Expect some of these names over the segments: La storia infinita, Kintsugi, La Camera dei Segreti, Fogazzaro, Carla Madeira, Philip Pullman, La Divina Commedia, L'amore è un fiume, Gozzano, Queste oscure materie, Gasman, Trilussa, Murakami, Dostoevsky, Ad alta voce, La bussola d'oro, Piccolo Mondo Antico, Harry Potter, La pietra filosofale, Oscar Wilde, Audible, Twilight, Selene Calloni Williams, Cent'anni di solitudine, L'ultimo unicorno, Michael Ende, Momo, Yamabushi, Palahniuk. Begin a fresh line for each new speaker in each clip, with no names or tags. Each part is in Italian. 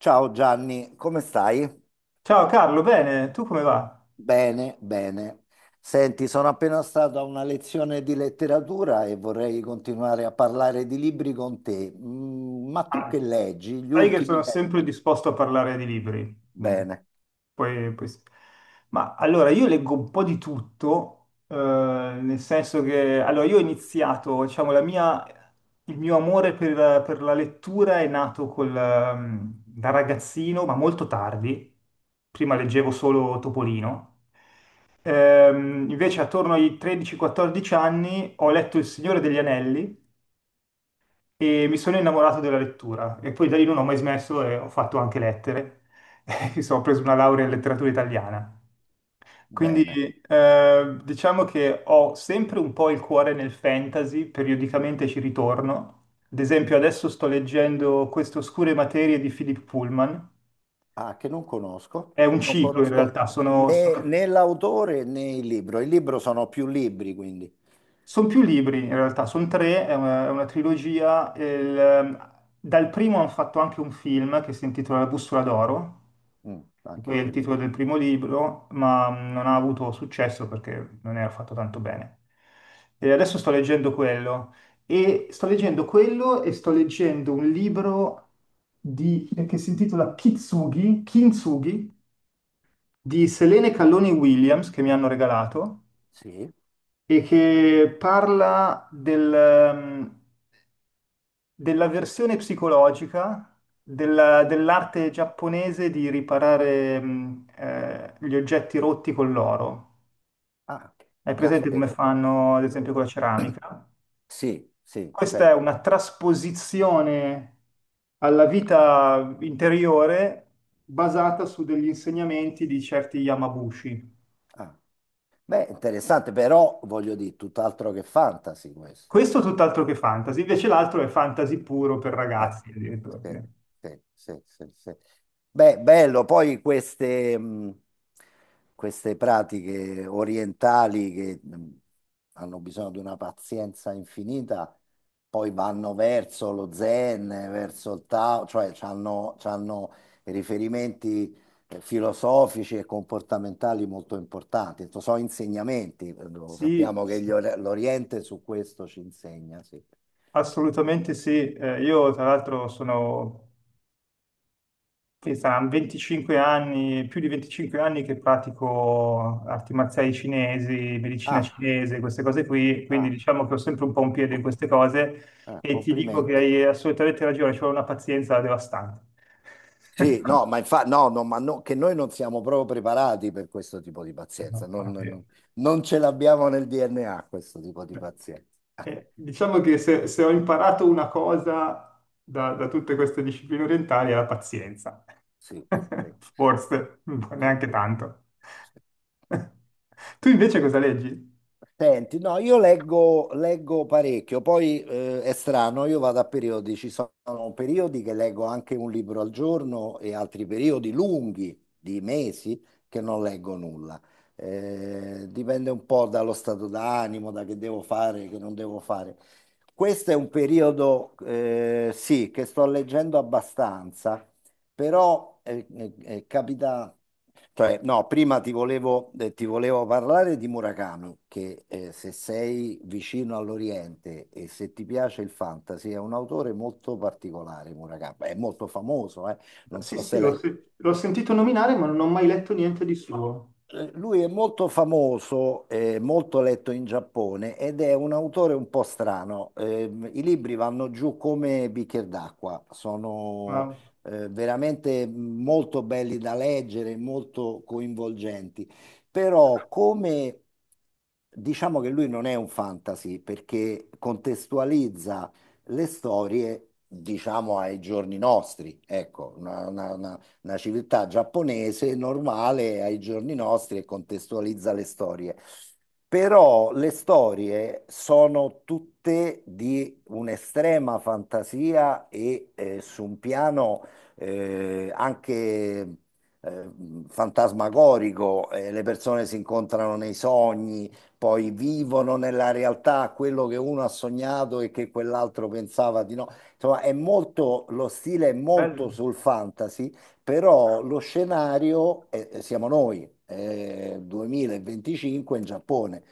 Ciao Gianni, come stai?
Ciao Carlo, bene, tu come va?
Bene, bene. Senti, sono appena stato a una lezione di letteratura e vorrei continuare a parlare di libri con te. Ma tu
Ah,
che leggi gli
sai che sono
ultimi tempi?
sempre disposto a parlare di libri. Mm.
Bene,
Sì. Ma allora, io leggo un po' di tutto, nel senso che allora, io ho iniziato, diciamo, il mio amore per la lettura è nato da ragazzino, ma molto tardi. Prima leggevo solo Topolino. Invece attorno ai 13-14 anni ho letto Il Signore degli Anelli e mi sono innamorato della lettura e poi da lì non ho mai smesso e ho fatto anche lettere. Mi sono preso una laurea in letteratura italiana. Quindi,
bene.
diciamo che ho sempre un po' il cuore nel fantasy, periodicamente ci ritorno. Ad esempio adesso sto leggendo Queste oscure materie di Philip Pullman.
Ah, che non conosco.
È un
Non
ciclo in
conosco
realtà,
né, né l'autore né il libro. Il libro sono più libri, quindi.
son più libri in realtà, sono tre, è una trilogia. Dal primo hanno fatto anche un film che si intitola La bussola d'oro
Mm,
che
anche
poi è il
quello
titolo
no.
del primo libro, ma non ha avuto successo perché non era fatto tanto bene. E adesso sto leggendo quello e sto leggendo un libro che si intitola Kitsugi, Kintsugi di Selene Calloni Williams che mi hanno regalato
Sì.
e che parla mm, della versione psicologica dell'arte giapponese di riparare gli oggetti rotti con l'oro.
Ah,
Hai presente come
caspita.
fanno, ad esempio,
Eh,
con la ceramica?
Sì, sì,
Questa è
certo.
una trasposizione alla vita interiore basata su degli insegnamenti di certi Yamabushi.
Ah. Beh, interessante, però voglio dire, tutt'altro che fantasy questo.
Questo tutt'altro che fantasy, invece l'altro è fantasy puro per
Eh,
ragazzi, addirittura.
sì, sì, sì, sì, sì. Beh, bello, poi queste pratiche orientali che hanno bisogno di una pazienza infinita, poi vanno verso lo zen, verso il Tao, cioè hanno riferimenti filosofici e comportamentali molto importanti. Sono insegnamenti, lo
Sì,
sappiamo che
sì,
l'Oriente su questo ci insegna, sì.
assolutamente sì. Io tra l'altro sono sì, saranno 25 anni, più di 25 anni che pratico arti marziali cinesi, medicina
Ah,
cinese, queste cose qui, quindi
ah.
diciamo che ho sempre un po' un piede in
co-
queste cose e ti dico che
Complimenti.
hai assolutamente ragione, ci vuole una pazienza devastante.
Sì, no, ma infatti, no, no, ma no, che noi non siamo proprio preparati per questo tipo di
No,
pazienza,
infatti.
non ce l'abbiamo nel DNA questo tipo di pazienza. Ah,
Diciamo che se ho imparato una cosa da tutte queste discipline orientali è la pazienza,
sì, sì, sì, sì,
forse,
sì,
neanche tanto.
sì.
Tu invece cosa leggi?
Senti, no, io leggo parecchio, poi è strano, io vado a periodi, ci sono periodi che leggo anche un libro al giorno e altri periodi lunghi, di mesi, che non leggo nulla. Dipende un po' dallo stato d'animo, da che devo fare, che non devo fare. Questo è un periodo, sì, che sto leggendo abbastanza, però capita, cioè, no, prima ti volevo parlare di Murakami, che se sei vicino all'Oriente e se ti piace il fantasy, è un autore molto particolare, Murakami, è molto famoso. Non
Sì,
so
sì,
se l'hai.
l'ho sentito nominare, ma non ho mai letto niente di suo.
Lui è molto famoso, molto letto in Giappone ed è un autore un po' strano. I libri vanno giù come bicchier d'acqua, sono
Ma
veramente molto belli da leggere, molto coinvolgenti. Però come diciamo che lui non è un fantasy perché contestualizza le storie, diciamo, ai giorni nostri, ecco, una civiltà giapponese normale ai giorni nostri e contestualizza le storie. Però le storie sono tutte di un'estrema fantasia e su un piano anche eh, fantasmagorico, le persone si incontrano nei sogni, poi vivono nella realtà quello che uno ha sognato e che quell'altro pensava di no. Insomma, è molto, lo stile è molto
bello,
sul fantasy, però lo scenario siamo noi, è 2025 in Giappone.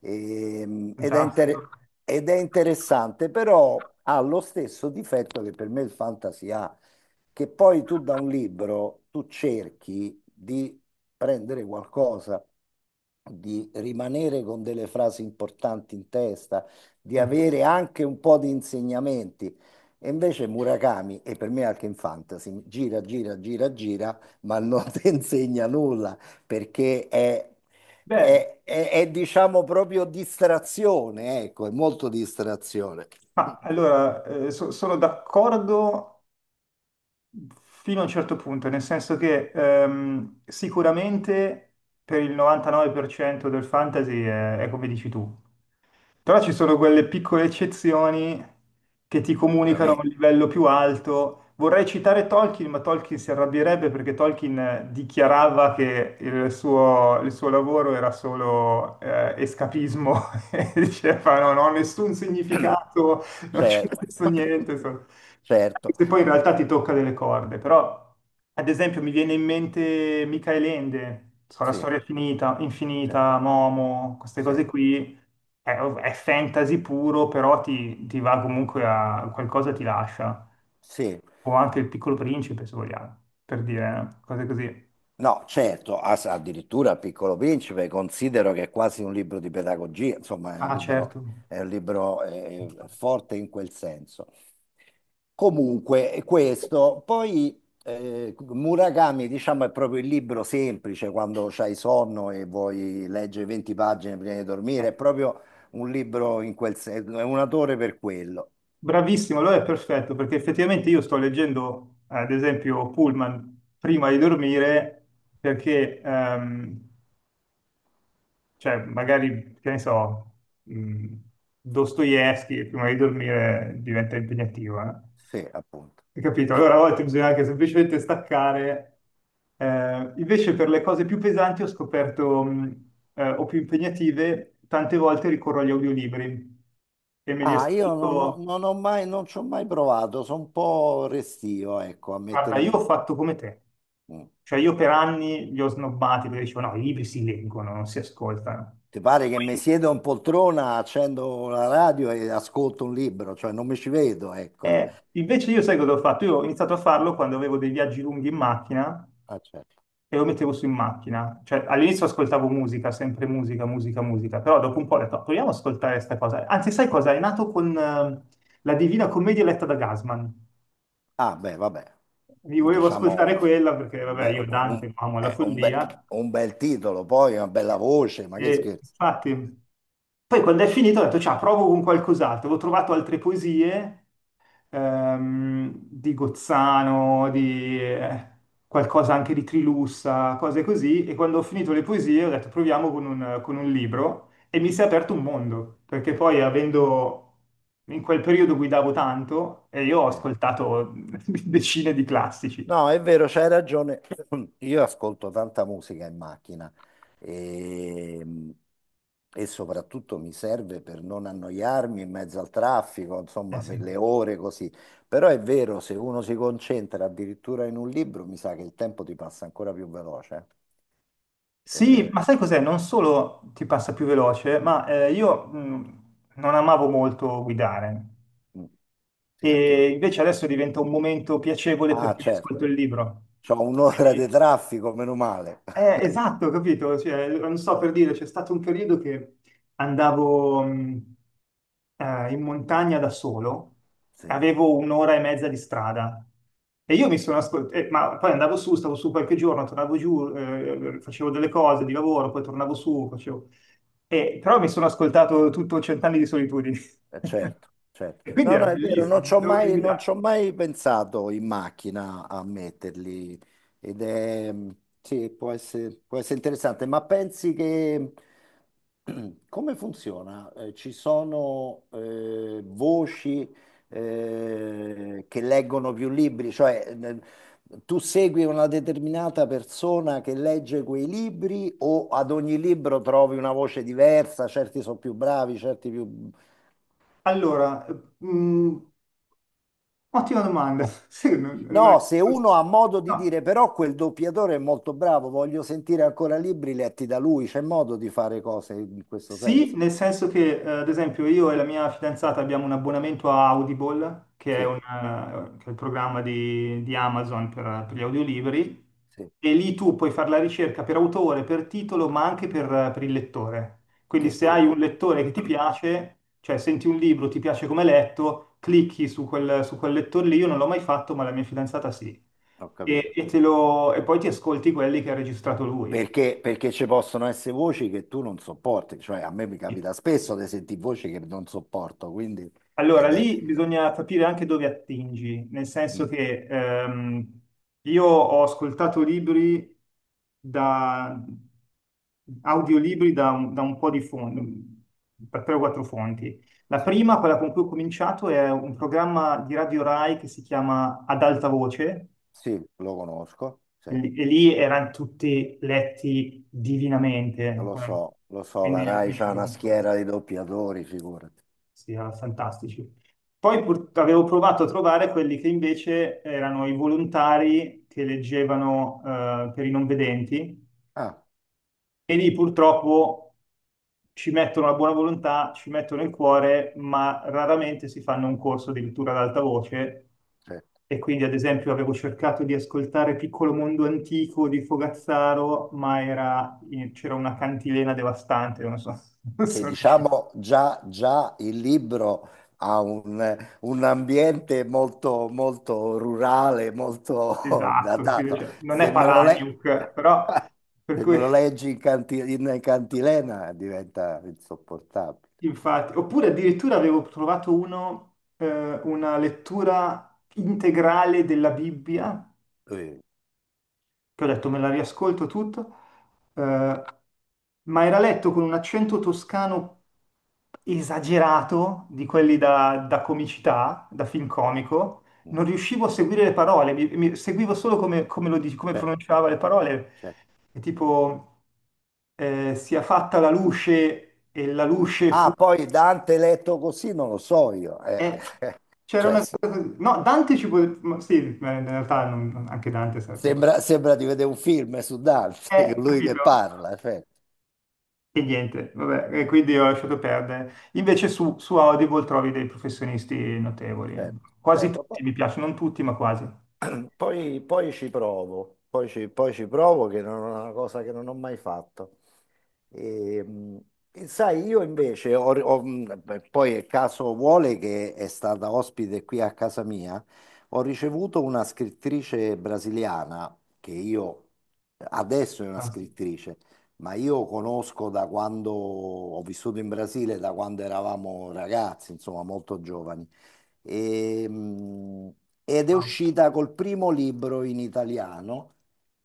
Ehm, ed è,
fantastico.
inter- ed è interessante, però ha lo stesso difetto che per me il fantasy ha, che poi tu da un libro tu cerchi di prendere qualcosa, di rimanere con delle frasi importanti in testa, di avere anche un po' di insegnamenti. E invece Murakami, e per me anche in fantasy, gira, gira, gira, gira, ma non ti insegna nulla perché è,
Beh,
è- è- è, diciamo proprio distrazione, ecco, è molto distrazione.
ma allora sono d'accordo fino a un certo punto, nel senso che sicuramente per il 99% del fantasy è come dici tu. Però ci sono quelle piccole eccezioni che ti comunicano a
Sicuramente,
un livello più alto. Vorrei citare Tolkien, ma Tolkien si arrabbierebbe perché Tolkien dichiarava che il suo lavoro era solo escapismo. E diceva: No, non ho nessun significato, non c'è
certo,
questo niente. Anche
certo,
se poi in realtà ti tocca delle corde. Però, ad esempio, mi viene in mente Michael Ende, La
sì,
storia finita,
sì,
infinita, Momo, queste
sì,
cose qui è fantasy puro, però ti va comunque a qualcosa ti lascia.
sì.
O anche il Piccolo Principe, se vogliamo, per dire cose così.
No, certo, addirittura il Piccolo Principe considero che è quasi un libro di pedagogia, insomma, è un
Ah,
libro,
certo.
forte in quel senso. Comunque, questo, poi Murakami, diciamo, è proprio il libro semplice quando c'hai sonno e vuoi leggere 20 pagine prima di dormire,
Eh,
è proprio un libro in quel senso, è un autore per quello.
Bravissimo, allora è perfetto, perché effettivamente io sto leggendo, ad esempio, Pullman prima di dormire, perché, cioè, magari, che ne so, mh, Dostoevsky prima di dormire diventa impegnativo, eh.
Sì, appunto.
Hai capito? Allora a volte bisogna anche semplicemente staccare. Invece per le cose più pesanti ho scoperto, o più impegnative, tante volte ricorro agli audiolibri e me li
Ah, io
ascolto.
non ci ho mai provato, sono un po' restio, ecco, a
Guarda, io
mettermi.
ho fatto come te.
Mm.
Cioè io per anni li ho snobbati perché dicevo no, i libri si leggono, non si ascoltano.
Ti pare che mi siedo in poltrona, accendo la radio e ascolto un libro, cioè non mi ci vedo, ecco.
Invece io sai cosa ho fatto? Io ho iniziato a farlo quando avevo dei viaggi lunghi in macchina
Ah, certo.
e lo mettevo su in macchina. Cioè, all'inizio ascoltavo musica, sempre musica, musica, musica, però dopo un po' ho detto: "Ah, proviamo ad ascoltare questa cosa." Anzi, sai cosa? È nato con La Divina Commedia letta da Gasman.
Ah, beh, vabbè,
Mi volevo
diciamo
ascoltare quella perché,
un
vabbè, io
be-
Dante
un-
lo amo la
eh, un be-
follia.
un bel titolo, poi una bella voce, ma che
E
scherzo.
infatti, poi quando è finito ho detto, ciao, provo con qualcos'altro. Ho trovato altre poesie, di Gozzano, di qualcosa anche di Trilussa, cose così. E quando ho finito le poesie ho detto proviamo con un libro e mi si è aperto un mondo, perché
Cioè,
poi avendo. In quel periodo guidavo tanto e io ho
sì.
ascoltato decine di classici.
No, è vero, c'hai ragione. Io ascolto tanta musica in macchina e, e soprattutto mi serve per non annoiarmi in mezzo al traffico,
Eh
insomma, per
sì.
le ore così. Però è vero, se uno si concentra addirittura in un libro, mi sa che il tempo ti passa ancora più veloce.
Sì,
Eh,
ma sai cos'è? Non solo ti passa più veloce, ma io non amavo molto guidare.
Eh, mm, sì, anch'io.
E invece adesso diventa un momento piacevole
Ah,
perché mi
certo,
ascolto il libro.
c'ho un'ora di
Quindi,
traffico, meno male.
esatto, capito? Cioè, allora, non so per dire, c'è stato un periodo che andavo in montagna da solo,
Sì.
avevo un'ora e mezza di strada. E io mi sono ascoltato, ma poi andavo su, stavo su qualche giorno, tornavo giù, facevo delle cose di lavoro, poi tornavo su, facevo. E, però mi sono ascoltato tutto Cent'anni di solitudine.
Certo, certo.
E quindi
No,
era
no, è vero,
bellissimo,
non
mi
ci ho
dovevo
mai, non ci
guidare.
ho mai pensato in macchina a metterli ed è, sì, può essere interessante, ma pensi che, come funziona? Ci sono voci che leggono più libri, cioè tu segui una determinata persona che legge quei libri o ad ogni libro trovi una voce diversa, certi sono più bravi, certi più.
Allora, mh, ottima domanda. Sì, non me la.
No, se uno ha modo di
No.
dire però quel doppiatore è molto bravo, voglio sentire ancora libri letti da lui, c'è modo di fare cose in questo
Sì,
senso.
nel senso che, ad esempio, io e la mia fidanzata abbiamo un abbonamento a Audible, che è,
Sì,
un, eh, che è il programma di Amazon per gli audiolibri,
sì,
e lì tu puoi fare la ricerca per autore, per titolo, ma anche per il lettore. Quindi
che
se
que-
hai un lettore che ti piace, cioè senti un libro, ti piace come è letto, clicchi su quel lettore lì, io non l'ho mai fatto, ma la mia fidanzata sì,
ho
e,
capito.
e te lo- e poi ti ascolti quelli che ha registrato lui.
Perché ci possono essere voci che tu non sopporti, cioè a me mi capita spesso di sentire voci che non sopporto, quindi
Allora,
ed è-
lì bisogna capire anche dove attingi, nel senso
mm,
che io ho ascoltato libri da audiolibri da un po' di fonti, da tre o quattro fonti. La
sì,
prima, quella con cui ho cominciato, è un programma di Radio Rai che si chiama Ad alta voce,
sì, lo conosco,
e
sì,
lì e lì erano tutti letti divinamente,
lo so, la
quindi
Rai
mi ci
c'ha
trovo
una
con quelli.
schiera di doppiatori, figurati.
Sì, erano fantastici. Avevo provato a trovare quelli che invece erano i volontari che leggevano per i non vedenti
Ah,
e lì purtroppo ci mettono la buona volontà, ci mettono il cuore, ma raramente si fanno un corso di lettura ad alta voce.
sì.
E quindi, ad esempio, avevo cercato di ascoltare Piccolo Mondo Antico di Fogazzaro, ma c'era una cantilena devastante, non so, non
Che
so riuscito.
diciamo già, già il libro ha un ambiente molto, molto rurale, molto
Esatto, capito?
datato.
Cioè, non è
Se me lo, le-
Palahniuk, però per
Se me
cui.
lo leggi in in cantilena diventa insopportabile.
Infatti, oppure addirittura avevo trovato uno, una lettura integrale della Bibbia,
Eh,
che ho detto me la riascolto tutto, eh, ma era letto con un accento toscano esagerato, di
mm,
quelli da comicità, da film
mm,
comico,
mm,
non riuscivo a seguire le parole, seguivo solo come come
certo,
pronunciava le parole,
certo.
e tipo sia fatta la luce e la luce fu.
Ah, poi Dante letto così non lo so io.
Eh, C'era
Cioè,
una cosa così. No, Dante ci può. Ma sì, in realtà anche Dante sarebbe un po'.
sembra di vedere un film su Dante, che lui che
Capito?
parla, certo,
E niente, vabbè, e quindi ho lasciato perdere. Invece su Audible trovi dei professionisti notevoli. Eh.
certo,
Quasi
certo.
tutti mi piacciono, non tutti, ma quasi.
Poi ci provo, poi ci provo che non è una cosa che non ho mai fatto. E, mh, e sai, io invece, beh, poi il caso vuole che è stata ospite qui a casa mia, ho ricevuto una scrittrice brasiliana che io adesso è una
Fantastico.
scrittrice, ma io conosco da quando ho vissuto in Brasile, da quando eravamo ragazzi, insomma, molto giovani. E, mh, ed è
Ah.
uscita col primo libro in italiano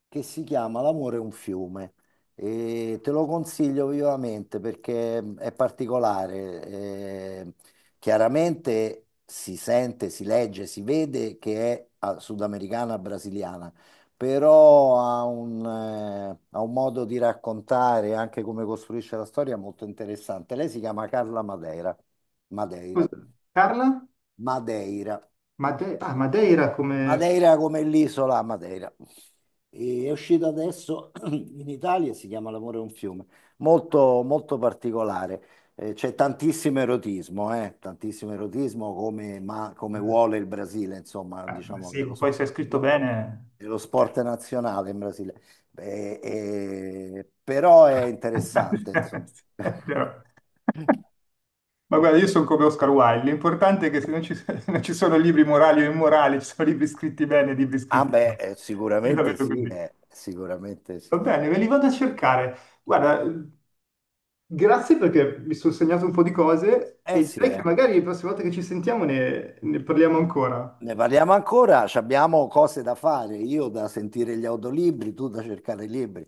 che si chiama L'amore è un fiume. E te lo consiglio vivamente perché è particolare. eh, chiaramente si sente, si legge, si vede che è sudamericana brasiliana, però ha un modo di raccontare anche come costruisce la storia molto interessante. Lei si chiama Carla Madeira. Madeira.
Scusa, Carla?
Madeira.
Ah, Madeira come.
Madeira come l'isola Madeira. E è uscito adesso in Italia, si chiama L'amore è un fiume, molto, molto particolare. C'è tantissimo erotismo come, ma,
Eh,
come vuole il Brasile, insomma,
ma
diciamo che
sì, poi se è scritto
lo-
bene.
è lo
Eh.
sport nazionale in Brasile. Però è interessante, insomma.
È vero. Ma guarda,
Eh,
io sono come Oscar Wilde, l'importante è che se non ci, non ci sono libri morali o immorali, ci sono libri scritti bene e libri
ah
scritti
beh,
male. Io la
sicuramente
vedo
sì,
così.
sicuramente
Va
sì.
bene, me li vado a cercare. Guarda, grazie perché mi sono segnato un po' di cose
Eh
e
sì,
direi che
eh.
magari la prossima volta che ci sentiamo ne parliamo ancora.
Ne parliamo ancora, ci abbiamo cose da fare, io da sentire gli audiolibri, tu da cercare i libri.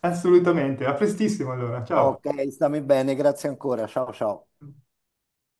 Assolutamente, a prestissimo allora, ciao.
Ok, stammi bene, grazie ancora, ciao ciao.